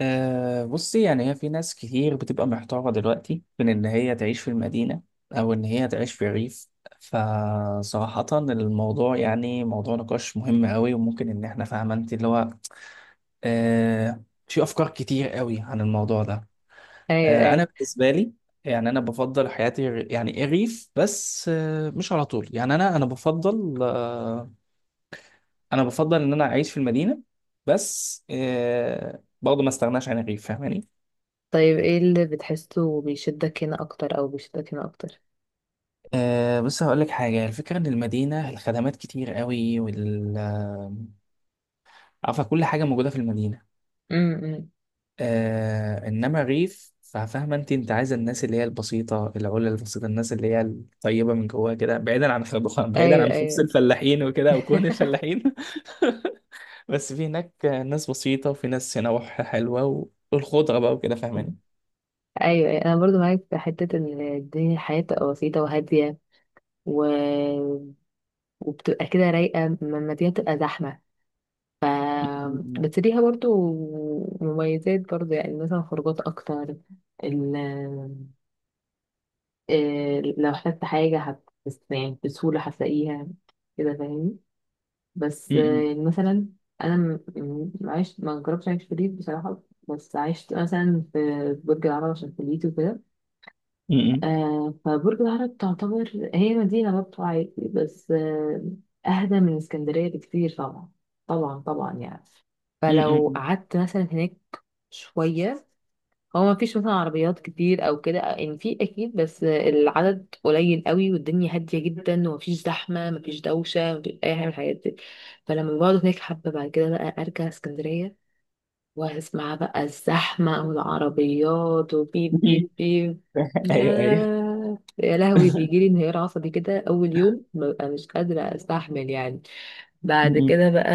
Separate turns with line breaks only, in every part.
بصي، يعني هي في ناس كتير بتبقى محتارة دلوقتي بين إن هي تعيش في المدينة أو إن هي تعيش في الريف. فصراحة الموضوع يعني موضوع نقاش مهم أوي. وممكن إن إحنا فاهمة أنت اللي هو، في أفكار كتير أوي عن الموضوع ده.
ايوه،
أنا
ايوه.
بالنسبة لي، يعني أنا بفضل حياتي يعني الريف، بس مش على طول. يعني أنا بفضل، أنا بفضل إن أنا أعيش في المدينة، بس برضه ما استغناش عن الريف، فاهماني؟
طيب، ايه اللي بتحسه بيشدك هنا اكتر او بيشدك هنا اكتر؟
بص هقول لك حاجة، الفكرة إن المدينة الخدمات كتير قوي، وال عارفة، كل حاجة موجودة في المدينة.
امم.
إنما الريف، ففاهمة أنت عايزة الناس اللي هي البسيطة، البسيطة، الناس اللي هي الطيبة من جواها كده، بعيدا عن خبز بعيدا
ايوه،
عن خبز
ايوه.
الفلاحين وكده، أو كون الفلاحين. بس في هناك ناس بسيطة، وفي ناس نواح حلوة، والخضرة بقى وكده، فاهماني؟
ايوه، أيوة. انا برضو معاك في حته ان الحياه بتبقى بسيطه وهاديه و... وبتبقى كده رايقه لما الدنيا بتبقى زحمه. ف
م-
بس ليها برضو مميزات، برضو يعني مثلا خروجات اكتر. ال... آه، لو احتجت حاجه بس يعني بسهوله هتلاقيها، كده فاهمني. بس
م-
مثلا انا عشت، ما جربتش اعيش في الريف بصراحه، بس عشت مثلا في برج العرب عشان كليتي وكده.
م- م-
فبرج العرب تعتبر هي مدينه برضه عادي، بس اهدى من اسكندريه بكتير طبعا، طبعا طبعا يعني.
م- م- م-
فلو
م-
قعدت مثلا هناك شويه، هو ما فيش مثلا عربيات كتير او كده، يعني في اكيد بس العدد قليل قوي، والدنيا هاديه جدا ومفيش زحمه، مفيش دوشه، مفيش اي حاجه من الحاجات دي. فلما بقعد هناك حبه بعد كده بقى ارجع اسكندريه واسمع بقى الزحمه والعربيات
م-
وبيب
م-
بيب بيب.
ايوه، ايوه.
لا، يا لهوي، بيجي لي انهيار عصبي كده اول يوم، ببقى مش قادره استحمل يعني. بعد كده بقى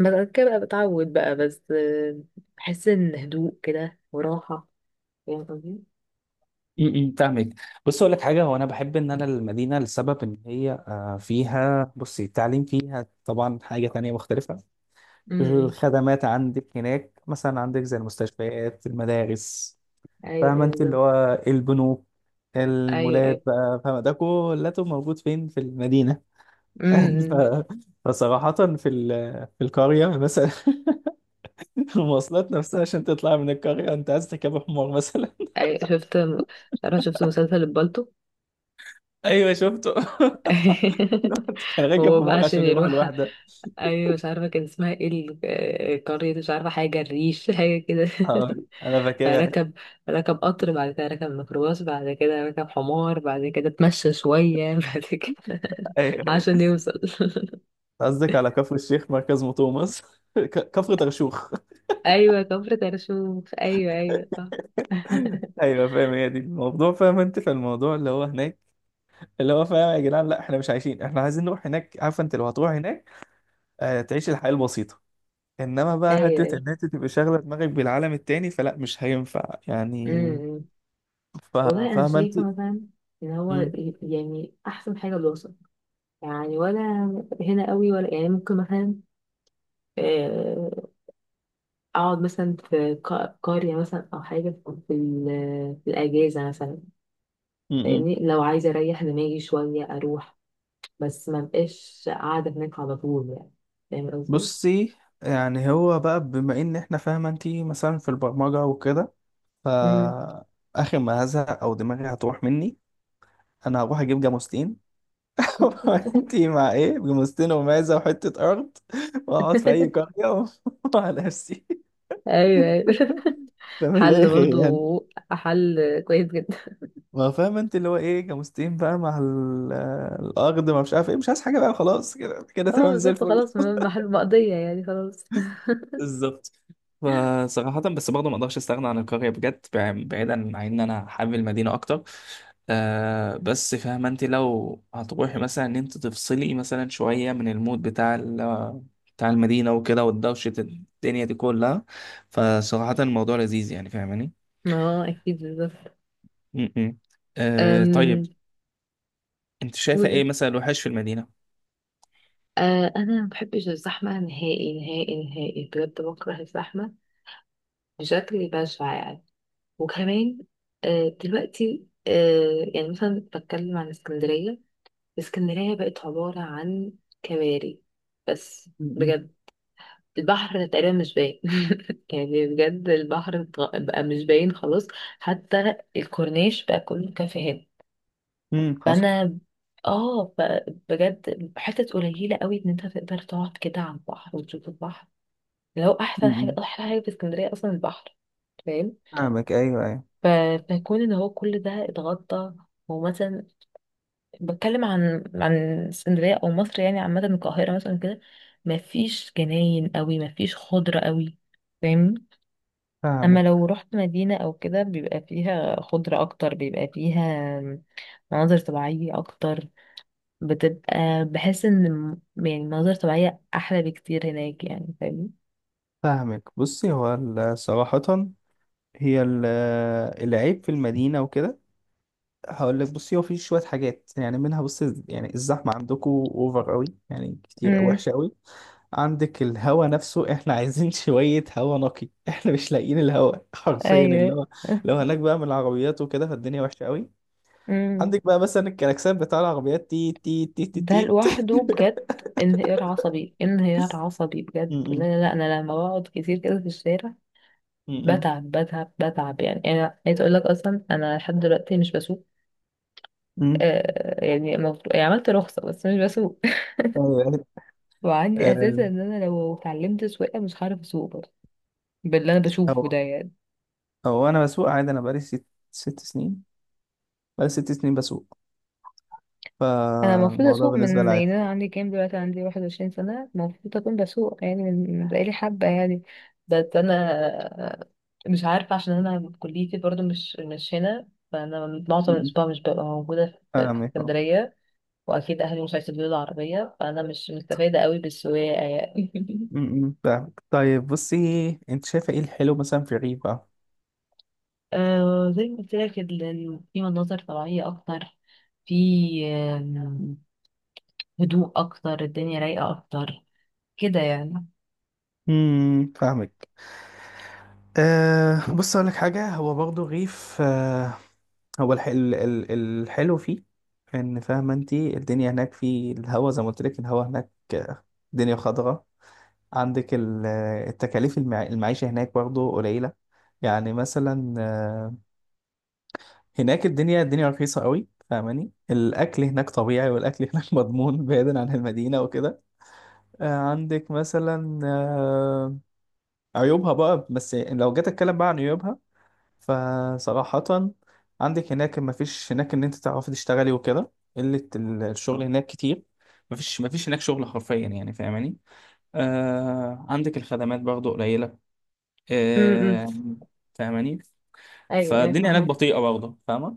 بعد كده بقى بتعود بقى، بس بحس ان هدوء كده وراحه. فاهم قصدي؟
فاهمك. بص اقول لك حاجه، هو انا بحب ان انا المدينه لسبب ان هي فيها، بصي، التعليم فيها طبعا حاجه تانية مختلفه.
امم.
الخدمات عندك هناك، مثلا عندك زي المستشفيات، المدارس،
ايوه،
فاهمه
ايوه،
انت، اللي
بالظبط.
هو البنوك،
ايوه، ايوه.
المولات بقى، فاهمه ده كله موجود فين؟ في المدينه.
امم،
ف- فصراحه، في في القريه مثلا، المواصلات نفسها، عشان تطلع من القريه انت عايز تركب حمار مثلا.
ايوه، شفت، مش عارفه، شفت مسلسل البالتو؟
ايوه، شفته. الواحد كان راكب
هو
في
بقى
مغ
عشان
عشان يروح
يروح.
لوحده.
ايوه، مش عارفه كان اسمها ايه، قريه، مش عارفه حاجه الريش حاجه كده.
آه، انا فاكرها.
فركب، ركب قطر، بعد كده ركب ميكروباص، بعد كده ركب حمار، بعد كده اتمشى شويه بعد كده
ايوه، ايوه،
عشان يوصل.
قصدك على كفر الشيخ، مركز مطوع مصر، كفر ترشوخ.
ايوه، كفر ترشوف، ايوه، ايوه، صح.
ايوه، فاهم، هي دي الموضوع، فاهم انت في الموضوع اللي هو هناك، اللي هو، فاهم يا جدعان، لا احنا مش عايشين، احنا عايزين نروح هناك. عارفه انت، لو هتروح هناك، تعيش الحياه البسيطه، انما بقى
ايوه،
حته
ايوه.
ان انت تبقى شاغله دماغك بالعالم التاني، فلا، مش هينفع يعني.
امم، امم.
ف-
والله أنا
فاهمه انت.
شايفة مثلا إن هو
مم.
يعني أحسن حاجة دراسة. يعني، ولا هنا قوي، ولا يعني ممكن مثلا، آه، أقعد مثلا في قرية مثلا أو حاجة، في الأجازة مثلا،
مم.
فاهمني؟ لو عايزة أريح دماغي شوية أروح، بس ما بقاش قاعدة هناك على طول يعني. فاهم قصدي؟
بصي، يعني هو بقى، بما ان احنا، فاهمه انت، مثلا في البرمجه وكده،
مم.
فآخر ما هزهق أو دماغي هتروح مني، أنا هروح أجيب جاموستين. وأنتي مع إيه، جاموستين ومعزة وحتة أرض، وأقعد في أي قرية وعلى نفسي.
ايوه، ايوه،
فمن لا
حل
خير
برضو،
يعني.
حل كويس جدا.
ما فاهم أنت اللي هو إيه، جاموستين بقى مع الأرض، ما مش عارف إيه، مش عايز حاجة بقى، خلاص كده كده،
اه،
تمام زي
بالظبط،
الفل.
خلاص، محل مقضية يعني، خلاص.
بالظبط. فصراحة بس برضه ما اقدرش استغنى عن القرية بجد، بعيدا عن ان انا حابب المدينة اكتر. بس فاهمة انت، لو هتروحي مثلا ان انت تفصلي مثلا شوية من المود بتاع بتاع المدينة وكده، والدوشة الدنيا دي كلها، فصراحة الموضوع لذيذ يعني، فاهماني؟
ما هو اكيد، بالظبط.
م- م.
أم.
طيب، انت شايفة
قولوا.
ايه مثلا الوحش في المدينة؟
أنا ما بحبش الزحمة، نهائي نهائي نهائي، بجد، بكره الزحمة بشكل بشع يعني. وكمان دلوقتي، يعني مثلا بتكلم عن اسكندرية، اسكندرية بقت عبارة عن كباري، بس
امم.
بجد. البحر تقريبا مش باين يعني بجد البحر بقى مش باين خلاص. حتى الكورنيش بقى كله كافيهات.
أمم، حصل.
فانا اه فبجد حتت قليله قوي ان انت تقدر تقعد كده على البحر وتشوف البحر، لو احسن حاجه
أمم.
احلى حاجه في اسكندريه اصلا البحر، فاهم؟
فاهمك، ايوه، ايوه،
ف- فيكون ان هو كل ده اتغطى. ومثلا بتكلم عن اسكندريه او مصر، يعني عامه القاهره مثلا كده، مفيش جناين قوي، مفيش خضره قوي، فاهمني؟ اما
فاهمك
لو رحت مدينه او كده بيبقى فيها خضره اكتر، بيبقى فيها مناظر طبيعيه اكتر. بحس ان يعني المناظر الطبيعية احلى بكتير هناك يعني، فاهمني؟
فاهمك، بصي، هو صراحة، هي العيب في المدينة وكده، هقول لك، بصي هو في شوية حاجات يعني، منها بصي يعني الزحمة عندكم اوفر قوي، يعني كتير،
امم.
وحشة قوي. عندك الهوا نفسه، احنا عايزين شوية هوا نقي، احنا مش لاقيين الهوا حرفيا، اللي
ايوه.
هو، لو هناك بقى من العربيات وكده، فالدنيا وحشة قوي.
امم.
عندك بقى مثلا الكلاكسات بتاع العربيات، تي تي تي تي
ده
تي.
لوحده بجد انهيار عصبي، انهيار عصبي، بجد.
م-
لا
م-
لا لا، انا لما بقعد كتير كده في الشارع
م-
بتعب، بتعب، بتعب يعني. انا عايز اقول لك اصلا انا لحد دلوقتي مش بسوق.
م.
يعني المفروض، يعني عملت رخصة بس مش بسوق
أيوة، يعني،
وعندي احساس
آه،
ان انا لو اتعلمت سواقة مش هعرف اسوق برضه، باللي انا بشوفه
هو
ده يعني.
هو انا بسوق عادي، انا بقالي ست سنين، بقالي 6 سنين بسوق،
انا المفروض
فالموضوع
اسوق
بالنسبة لي
من، يعني
عادي.
انا عندي كام دلوقتي، عندي 21 سنه، المفروض اكون بسوق يعني من بقالي حبه يعني. بس انا مش عارفه، عشان انا كليتي برضو مش هنا، فانا معظم
م- م.
الاسبوع مش ببقى موجوده في
فاهمك، اه.
اسكندريه، واكيد اهلي مش هيسيبوا لي العربيه، فانا مش مستفاده قوي بالسواقه يعني.
م- م، فاهمك. طيب بصي، انت شايفة ايه الحلو مثلا في الريف بقى؟
زي ما قلت لك، في مناظر طبيعيه اكتر، في آم، هدوء اكتر، الدنيا رايقه اكتر كده
فاهمك. بص اقول لك حاجة، هو برضه الريف هو الحلو فيه ان، فاهمة انت، الدنيا هناك في الهوا، زي ما قلت لك، الهوا هناك، الدنيا خضراء. عندك التكاليف، المعيشة هناك برضه قليلة، يعني مثلا هناك الدنيا رخيصة قوي، فاهماني؟ الأكل هناك طبيعي، والأكل هناك مضمون، بعيدا عن المدينة وكده. عندك مثلا، عيوبها بقى، بس لو جيت أتكلم بقى عن عيوبها، فصراحة عندك هناك مفيش هناك إن أنت تعرفي تشتغلي وكده، قلة الشغل هناك كتير، مفيش هناك شغل حرفيا يعني، فاهماني؟ عندك الخدمات برضه قليلة.
يعني.
آه فاهماني،
ايوه، ايوه،
فالدنيا هناك
فاهمك.
بطيئة برضه، فاهمة؟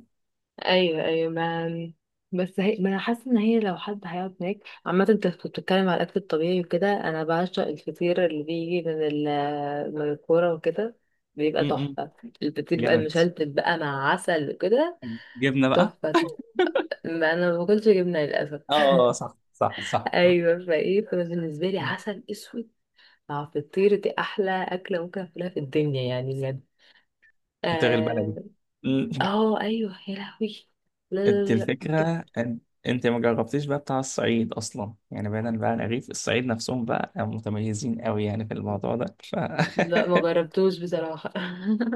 ايوه، ايوه، ما بس هي، ما انا حاسه ان هي لو حد هيقعد هناك. عامه انت كنت بتتكلم على الاكل الطبيعي وكده، انا بعشق الفطير اللي بيجي من من الكوره وكده، بيبقى
م- م.
تحفه. الفطير بقى
جامد،
المشلتت بقى مع عسل وكده،
جبنه بقى.
تحفه تحفه. ما انا ما باكلش جبنه للاسف
اه، صح صح صح صح.
ايوه فايه، فأنا بالنسبه لي عسل اسود مع فطير دي احلى اكله ممكن اكلها في الدنيا يعني، بجد.
وتغلي
اه.
البلدي. مم.
ايوه، يا لهوي. لا لا
انت
لا لا، تحفة.
الفكره، ان انت ما جربتيش بقى بتاع الصعيد اصلا يعني، بعيدا بقى عن الرغيف، الصعيد نفسهم بقى متميزين قوي يعني في الموضوع ده،
لا، ما جربتوش بصراحة.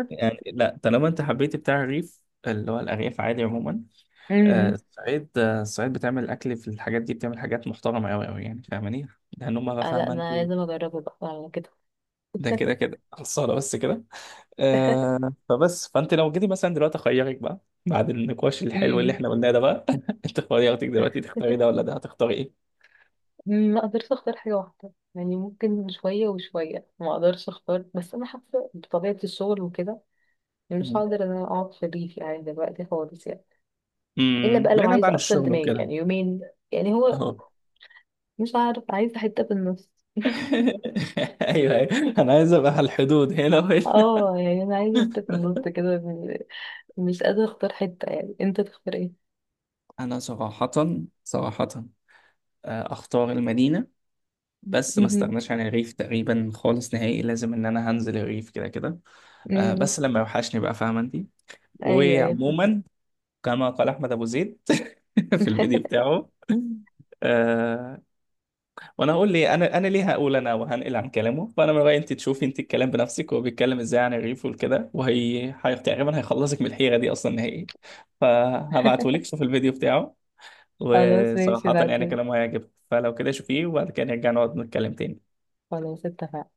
يعني لا، طالما انت حبيتي بتاع الرغيف اللي هو الارياف، عادي عموما،
امم.
الصعيد بتعمل اكل في الحاجات دي، بتعمل حاجات محترمه قوي قوي يعني، فاهماني؟ لان هم بقى،
لا
فاهمه انت،
انا لازم اجربه بقى على كده.
ده كده كده خلصانه، بس كده. فبس، فانت لو جيتي مثلا دلوقتي اخيرك بقى، بعد النقاش الحلو اللي
امم.
احنا قلناه ده بقى، انت خيرتك دلوقتي، تختاري ده ولا ده، هتختاري ايه؟
ما اقدرش اختار حاجة واحدة يعني، ممكن شوية وشوية، ما اقدرش اختار، بس انا حاسة بطبيعة الشغل وكده يعني مش
مم.
هقدر ان انا اقعد في الريف يعني دلوقتي خالص يعني. الا
مم،
بقى لو
بعيدا بقى
عايزة
عن
افصل
الشغل
دماغي
وكده،
يعني يومين. يعني هو،
اهو.
مش عارف، عايزة حتة في النص
ايوه، ايوه، انا عايز ابقى على الحدود هنا وهنا.
اه يعني انا عايزة حتة في النص كده، مش قادرة اختار حتة يعني. انت تختار ايه؟
انا صراحة، صراحة، اختار المدينة، بس ما
امم،
استغناش عن الريف تقريبا خالص نهائي، لازم ان انا هنزل الريف كده كده،
أمم.
بس لما يوحشني بقى، فاهمة انت.
ايوه، أيوة.
وعموما، كما قال أحمد أبو زيد في الفيديو بتاعه، آه. وأنا هقول، لي أنا ليه هقول، أنا وهنقل عن كلامه، فأنا من رأيي أنت تشوفي أنت الكلام بنفسك، هو بيتكلم إزاي عن الريف والكده، وهي تقريبا هيخلصك من الحيرة دي أصلا نهائي، فهبعتهولك شوف الفيديو بتاعه.
خلاص، ماشي،
وصراحة يعني
بعتولي.
كلامه هيعجبك، فلو كده شوفيه وبعد كده نرجع نقعد نتكلم تاني.
خلاص، اتفقنا.